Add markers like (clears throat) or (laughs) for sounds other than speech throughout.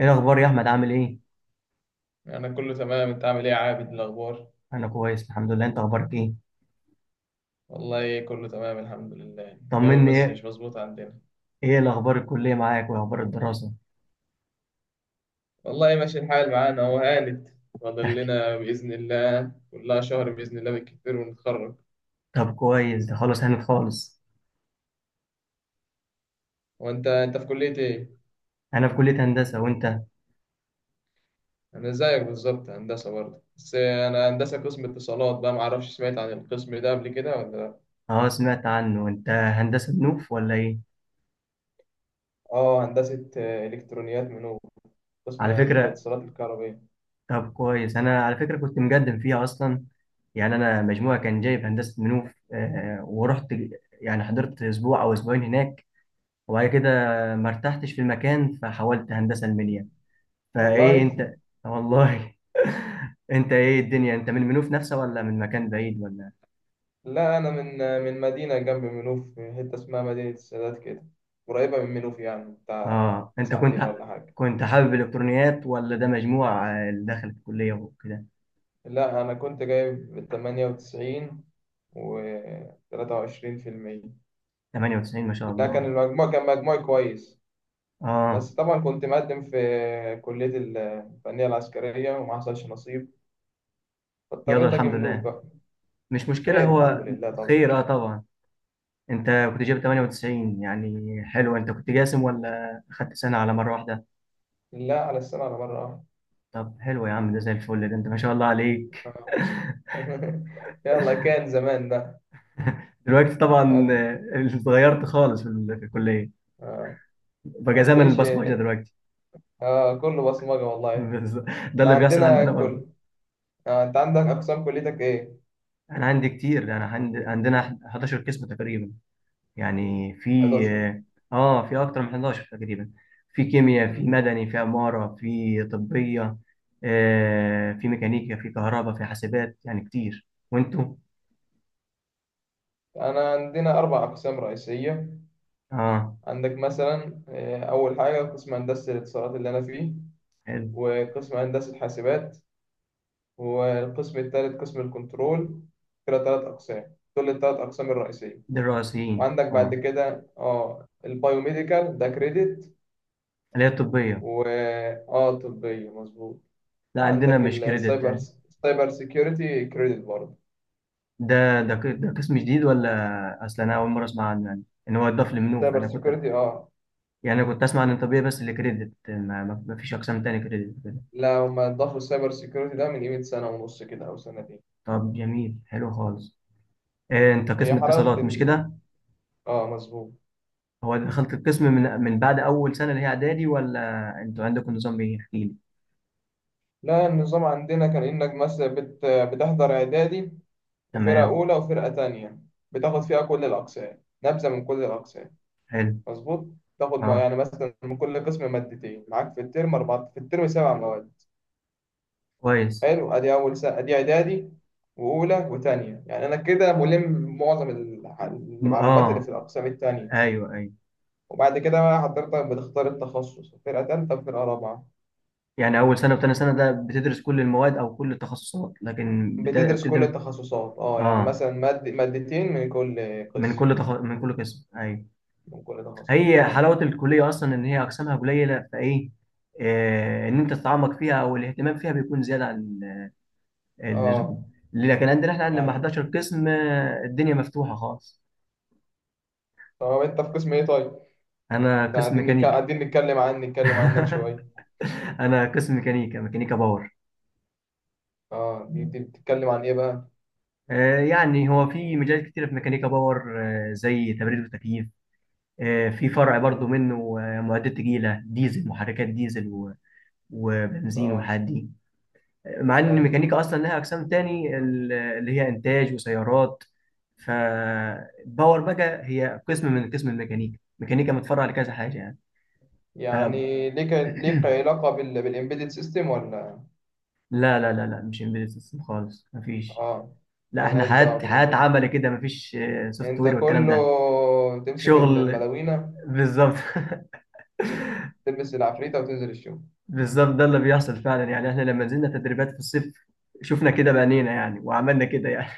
ايه الاخبار يا احمد؟ عامل ايه؟ أنا كله تمام. أنت عامل إيه يا عابد، الأخبار؟ انا كويس الحمد لله. انت اخبارك ايه؟ والله كله تمام الحمد لله، الجو طمني، بس مش ايه؟ مظبوط عندنا. ايه الاخبار؟ الكليه معاك واخبار الدراسه؟ والله ماشي الحال معانا، هو هانت. فاضل تحكي. لنا بإذن الله كلها شهر بإذن الله بالكتير ونتخرج. طب كويس، ده خلاص هانت خالص. وأنت أنت في كلية إيه؟ انا في كليه هندسه، وانت؟ أنا زيك بالظبط، هندسة برضه، بس أنا هندسة قسم اتصالات بقى. معرفش سمعت عن القسم ده قبل كده ولا لأ؟ اه سمعت عنه. انت هندسه بنوف ولا ايه؟ آه هندسة، إلكترونيات منوب، قسم على يعني فكره، الاتصالات الكهربائية. طب كويس، انا على فكره كنت مقدم فيها اصلا. يعني انا مجموعه كان جايب هندسه بنوف، ورحت يعني حضرت اسبوع او اسبوعين هناك، وبعد كده ما ارتحتش في المكان، فحولت هندسه المنيا. فايه والله (laughs) انت؟ والله. انت ايه الدنيا، انت من المنوف نفسه ولا من مكان بعيد ولا؟ لا أنا من مدينة جنب منوف، حتة اسمها مدينة السادات كده، قريبة من منوف يعني، بتاع اه انت ساعتين كنت، ولا حاجة. كنت حابب الالكترونيات ولا ده مجموع اللي دخل الكليه وكده؟ لا أنا كنت جايب 98 وتلاتة وعشرين في المية. 98 ما شاء لا كان الله. المجموع، كان مجموعي كويس، اه بس طبعا كنت مقدم في كلية الفنية العسكرية وما حصلش نصيب، يلا فاضطريت أجي الحمد منوف لله، بقى. مش مشكله. خير الحمد هو لله طبعا. خير اه طبعا. انت كنت جايب 98، يعني حلو. انت كنت جاسم ولا خدت سنه على مره واحده؟ لا، على السنة، على مرة واحدة. طب حلو يا عم، ده زي الفل، ده انت ما شاء الله عليك. (laughs) يلا، كان زمان بقى. دلوقتي طبعا (laughs) اتغيرت خالص في في الكليه. ما بقى زمن قلتليش. البصمجه دلوقتي. اه كله بصمجة (laughs) والله. بالظبط. ده احنا اللي بيحصل عندنا عندنا. كل، انت عندك اقسام كليتك ايه؟ انا عندي كتير، انا عندي عندنا 11 قسم تقريبا، يعني في 11. اه في اكتر من 11 تقريبا. في كيمياء، في مم. مدني، في عمارة، في طبية، آه في ميكانيكا، في كهرباء، في حاسبات، يعني كتير. وانتوا؟ انا عندنا اربع اقسام رئيسية. اه عندك مثلا اول حاجة قسم هندسة الاتصالات اللي انا فيه، حلو. وقسم هندسة حاسبات، والقسم الثالث قسم الكنترول. كده ثلاث اقسام، دول الثلاث اقسام الرئيسية. ده الرئيسيين وعندك بعد اه. كده اه البايوميديكال، ده كريدت، اللي هي الطبية. و اه طبية، مظبوط. لا عندنا وعندك مش كريدت السايبر، آه. سايبر سيكيورتي، كريدت برضه. ده قسم جديد ولا؟ اصلا انا اول مرة اسمع عنه، يعني ان هو اتضاف لمنوف. سايبر انا كنت سيكيورتي اه. يعني انا كنت اسمع عن الطبية بس اللي كريدت. ما فيش اقسام تاني كريدت. لا هما ضافوا السايبر سيكيورتي ده من قيمة سنة ونص كده أو سنتين. طب جميل، حلو خالص. إيه، انت قسم هي حلاوة اتصالات مش ال... كده؟ اه مظبوط. هو دخلت القسم من بعد اول سنه اللي هي اعدادي، ولا انتوا عندكم نظام ايه؟ احكي لي. لا النظام عندنا كان إنك مثلا بتحضر إعدادي، وفرقة تمام. أولى وفرقة تانية، بتاخد فيها كل الأقسام، نبذة من كل الأقسام، حلو. مظبوط. تاخد ما اه يعني مثلا من كل قسم مادتين، معاك في الترم أربعة، في الترم 7 مواد. كويس. حلو. أدي أول سنة، أدي إعدادي وأولى وتانية، يعني أنا كده ملم معظم المعلومات اللي في اه الأقسام التانية. ايوه ايوه. وبعد كده بقى حضرتك بتختار التخصص، فرقة تالتة وفرقة رابعة. يعني اول سنه وتاني سنه ده بتدرس كل المواد او كل التخصصات، لكن بتدرس بتبدا كل من التخصصات اه، يعني اه مثلا مادة مادتين من كل من قسم، من كل قسم، ايوه. من كل تخصص، هي تمام. حلاوه الكليه اصلا ان هي اقسامها قليله، فايه آه ان انت تتعمق فيها، او الاهتمام فيها بيكون زياده عن اه اللزوم. ليه؟ لكن عندنا، احنا عندنا لما يعني. 11 قسم الدنيا مفتوحة خالص. طب انت في قسم ايه طيب؟ انا إحنا قسم قاعدين ميكانيكا. نتكلم عنك (laughs) شوية. انا قسم ميكانيكا، ميكانيكا باور. اه دي بتتكلم عن ايه بقى؟ يعني هو في مجالات كتيرة في ميكانيكا باور، زي تبريد وتكييف، في فرع برضو منه، معدات تقيلة، ديزل، محركات ديزل و- وبنزين اه والحاجات دي، مع ان ايوه الميكانيكا اصلا لها اقسام تاني، اللي هي انتاج وسيارات. فباور بقى هي قسم من قسم الميكانيكا. ميكانيكا متفرع لكذا حاجة يعني. يعني. ليك (clears throat) علاقة بال... بالامبيدد سيستم ولا؟ لا، مش امبيدد سيستم خالص، مفيش. اه، لا احنا ملهاش دعوة حياة بالامبيدد. عمل كده مفيش سوفت انت وير والكلام كله ده. تمسك شغل، الملاوينة، بالظبط. (laughs) تلبس العفريتة وتنزل الشغل. بالظبط، ده اللي بيحصل فعلا. يعني احنا لما نزلنا تدريبات في الصيف شفنا كده بعينينا يعني، وعملنا كده يعني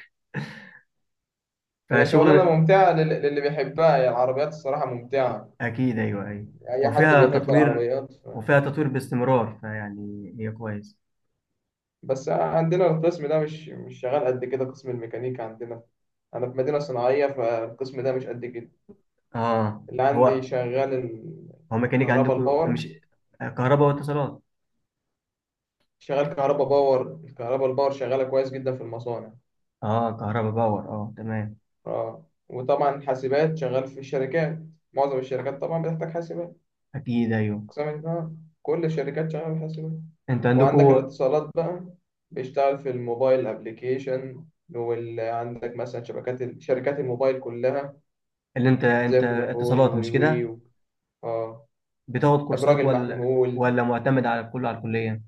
(laughs) هي شغلانة فشغلنا. ممتعة للي بيحبها، هي العربيات الصراحة ممتعة. اكيد، ايوه ايوه. أي حد وفيها بيحب تطوير، العربيات ف... وفيها تطوير باستمرار، فيعني هي كويس. بس عندنا القسم ده مش شغال قد كده، قسم الميكانيكا عندنا. أنا في مدينة صناعية، فالقسم ده مش قد كده اه اللي هو، عندي شغال. هو ميكانيك الكهرباء عندكم، الباور، مش كهرباء واتصالات؟ شغال كهرباء باور. الكهرباء الباور شغالة كويس جدا في المصانع. اه كهرباء باور اه تمام. اه وطبعا حاسبات شغال في الشركات، معظم الشركات طبعا بتحتاج حاسبات. اكيد ايوه. اقسام اه، كل الشركات شغاله بالحاسبات. انتوا عندكم، وعندك الاتصالات بقى، بيشتغل في الموبايل ابلكيشن، وعندك مثلا شبكات شركات الموبايل كلها، اللي انت، زي انت فودافون اتصالات مش ووي كده؟ اه، بتاخد كورسات ابراج ولا المحمول. ولا معتمد على كله على الكلية؟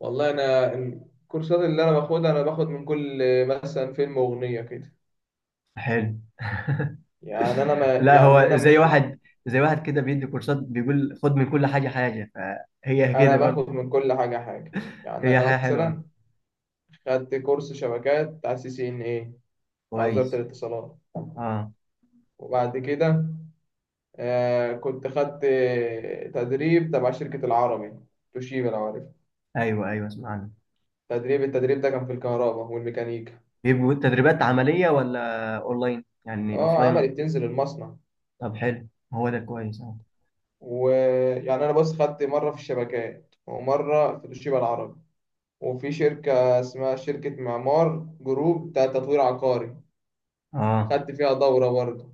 والله انا الكورسات اللي انا باخدها، انا باخد من كل، مثلا فيلم واغنيه كده. حلو. (laughs) يعني انا ما لا يعني هو انا زي مش، واحد، زي واحد كده بيدي كورسات بيقول خد من كل حاجة حاجة. فهي (laughs) انا كده برضه. باخد من كل حاجه حاجه. يعني هي انا حاجة حلوة. مثلا خدت كورس شبكات على سي سي ان اي، مع وزاره كويس. الاتصالات. اه وبعد كده آه كنت خدت تدريب تبع شركة العربي توشيبا، لو عارف. ايوه ايوه، اسمع عنها. تدريب، التدريب ده كان في الكهرباء والميكانيكا. بيبقوا تدريبات عملية ولا اونلاين، يعني اه اوفلاين عملي، ولا؟ بتنزل المصنع. طب حلو، هو ده كويس اه. ويعني انا بس خدت مرة في الشبكات ومرة في توشيبا العربي، وفي شركة اسمها شركة معمار جروب بتاع تطوير عقاري، اه خدت فيها دورة برضه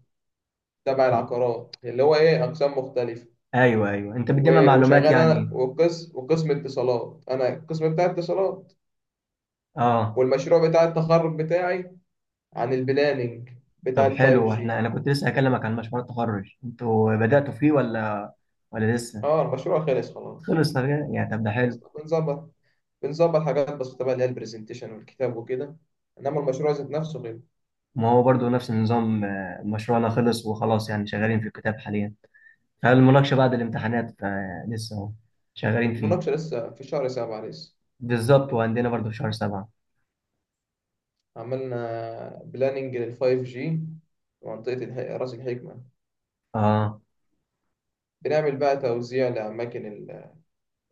تبع العقارات اللي هو ايه، اقسام مختلفة. ايوه ايوه، انت بتجمع و- معلومات وشغال انا، يعني. وقسم، وقسم اتصالات، انا القسم بتاع اتصالات. اه. والمشروع بتاع التخرج بتاعي عن البلاننج بتاع طب الفايف حلو، احنا جي. انا كنت لسه هكلمك عن مشروع التخرج. انتوا بدأتوا فيه ولا ولا لسه؟ اه المشروع خلص خلاص، خلص؟ طب يعني طب ده حلو. اصلا بنظبط حاجات بسيطه بقى اللي هي البرزنتيشن والكتاب وكده، انما المشروع ذات نفسه غير. ما هو برضو نفس النظام، مشروعنا خلص وخلاص، يعني شغالين في الكتاب حاليا، فالمناقشة بعد الامتحانات. فلسه اهو شغالين فيه. المناقشه لسه في شهر 7 لسه. بالظبط، وعندنا برضو في شهر سبعة. عملنا بلاننج للفايف جي منطقة رأس الحكمة. اه بنعمل بقى توزيع لأماكن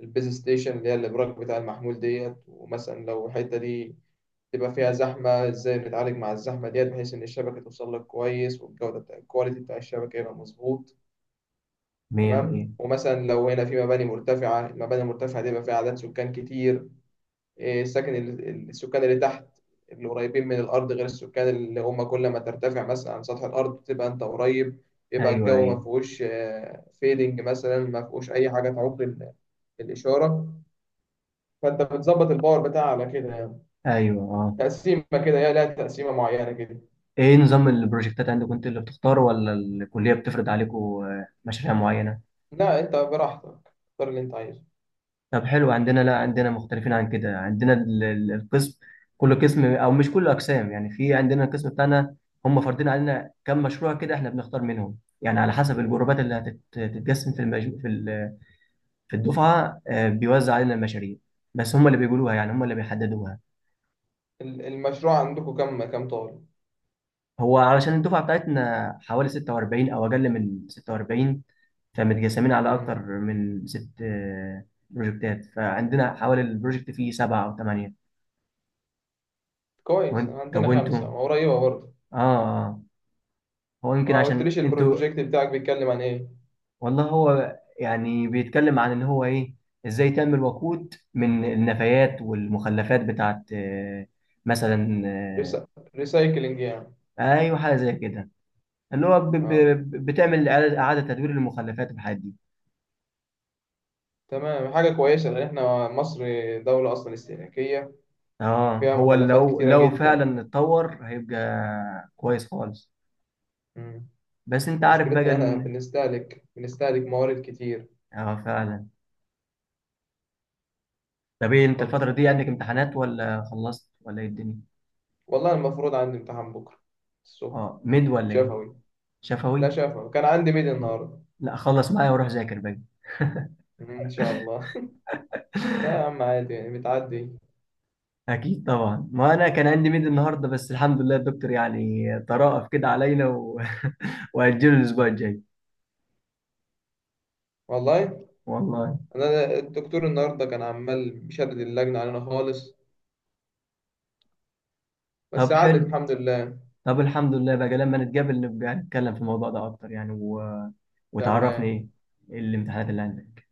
البيز ستيشن اللي هي الإبراج بتاع المحمول ديت. ومثلا لو الحتة دي تبقى فيها زحمة، إزاي نتعالج مع الزحمة ديت بحيث إن الشبكة توصل لك كويس، والجودة بتاع الكواليتي بتاع الشبكة يبقى مظبوط. مية تمام. مية. ومثلا لو هنا في مباني مرتفعة، المباني المرتفعة دي بيبقى فيها عدد سكان كتير. إيه، السكن السكان اللي تحت، اللي قريبين من الأرض، غير السكان اللي هم كل ما ترتفع مثلا عن سطح الأرض تبقى أنت قريب، يبقى ايوه الجو ما ايوه فيهوش فيدنج مثلا، ما فيهوش أي حاجة تعوق الإشارة. فأنت بتظبط الباور بتاعها على كده يعني، ايوه اه. تقسيمة كده، هي لها تقسيمة معينة كده. ايه نظام البروجكتات عندكم؟ انتوا اللي بتختاروا ولا الكلية بتفرض عليكم مشاريع معينة؟ لا أنت براحتك، اختار اللي أنت عايزه. طب حلو، عندنا لا عندنا مختلفين عن كده. عندنا القسم، كل قسم، او مش كل اقسام يعني، في عندنا القسم بتاعنا هم فارضين علينا كم مشروع كده، احنا بنختار منهم، يعني على حسب الجروبات اللي هتتقسم في في في الدفعه، بيوزع علينا المشاريع، بس هم اللي بيقولوها يعني، هم اللي بيحددوها. المشروع عندكم كم، كم طالب؟ هو علشان الدفعه بتاعتنا حوالي 46 او اقل من 46، فمتقسمين على اكتر مم. من ست بروجكتات. فعندنا حوالي البروجكت فيه سبعه او ثمانيه. كويس، وانت، طب عندنا خمسة وانتوا؟ قريبة برضه. اه آه. هو يمكن ما عشان قلتليش انتوا. البروجكت بتاعك بيتكلم عن ايه. والله هو يعني بيتكلم عن ان هو ايه، ازاي تم الوقود من النفايات والمخلفات بتاعت مثلا. ريسا... ريسايكلينج يعني. ايوه حاجه زي كده، اللي هو اه بتعمل اعاده، إعادة تدوير للمخلفات والحاجات دي. تمام، حاجة كويسة، لأن احنا مصر دولة أصلا استهلاكية، اه فيها هو مخلفات لو كتيرة لو جدا. فعلا اتطور هيبقى كويس خالص. مم. بس انت عارف مشكلتنا بقى إن احنا ان، بنستهلك موارد كتير. اه فعلا. طب ايه، انت اتفضل، الفتره كنت دي قلت عندك إيه؟ امتحانات ولا خلصت ولا ايه الدنيا؟ والله المفروض عندي امتحان بكرة الصبح، اه ميد ولا ايه؟ شفوي. لا شفوي. شفوي، كان عندي ميد النهاردة. لا خلص معايا وروح ذاكر بقى. مم، إن شاء الله. (laughs) لا يا عم عادي يعني، بتعدي. اكيد طبعا، ما انا كان عندي ميد النهارده، بس الحمد لله الدكتور يعني ترأف كده علينا و... (laughs) واجله الاسبوع الجاي. والله والله. أنا الدكتور النهاردة كان عمال بيشدد اللجنة علينا خالص، بس طب عدت حلو، الحمد لله. طب الحمد لله بقى، لما نتقابل نبقى نتكلم في الموضوع ده اكتر يعني و... وتعرفني تمام. ايه الامتحانات اللي عندك.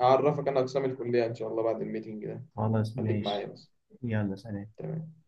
هعرفك انا اقسام الكليه ان شاء الله بعد الميتنج ده. خلاص خليك معايا ماشي. بس. يلا سلام. تمام.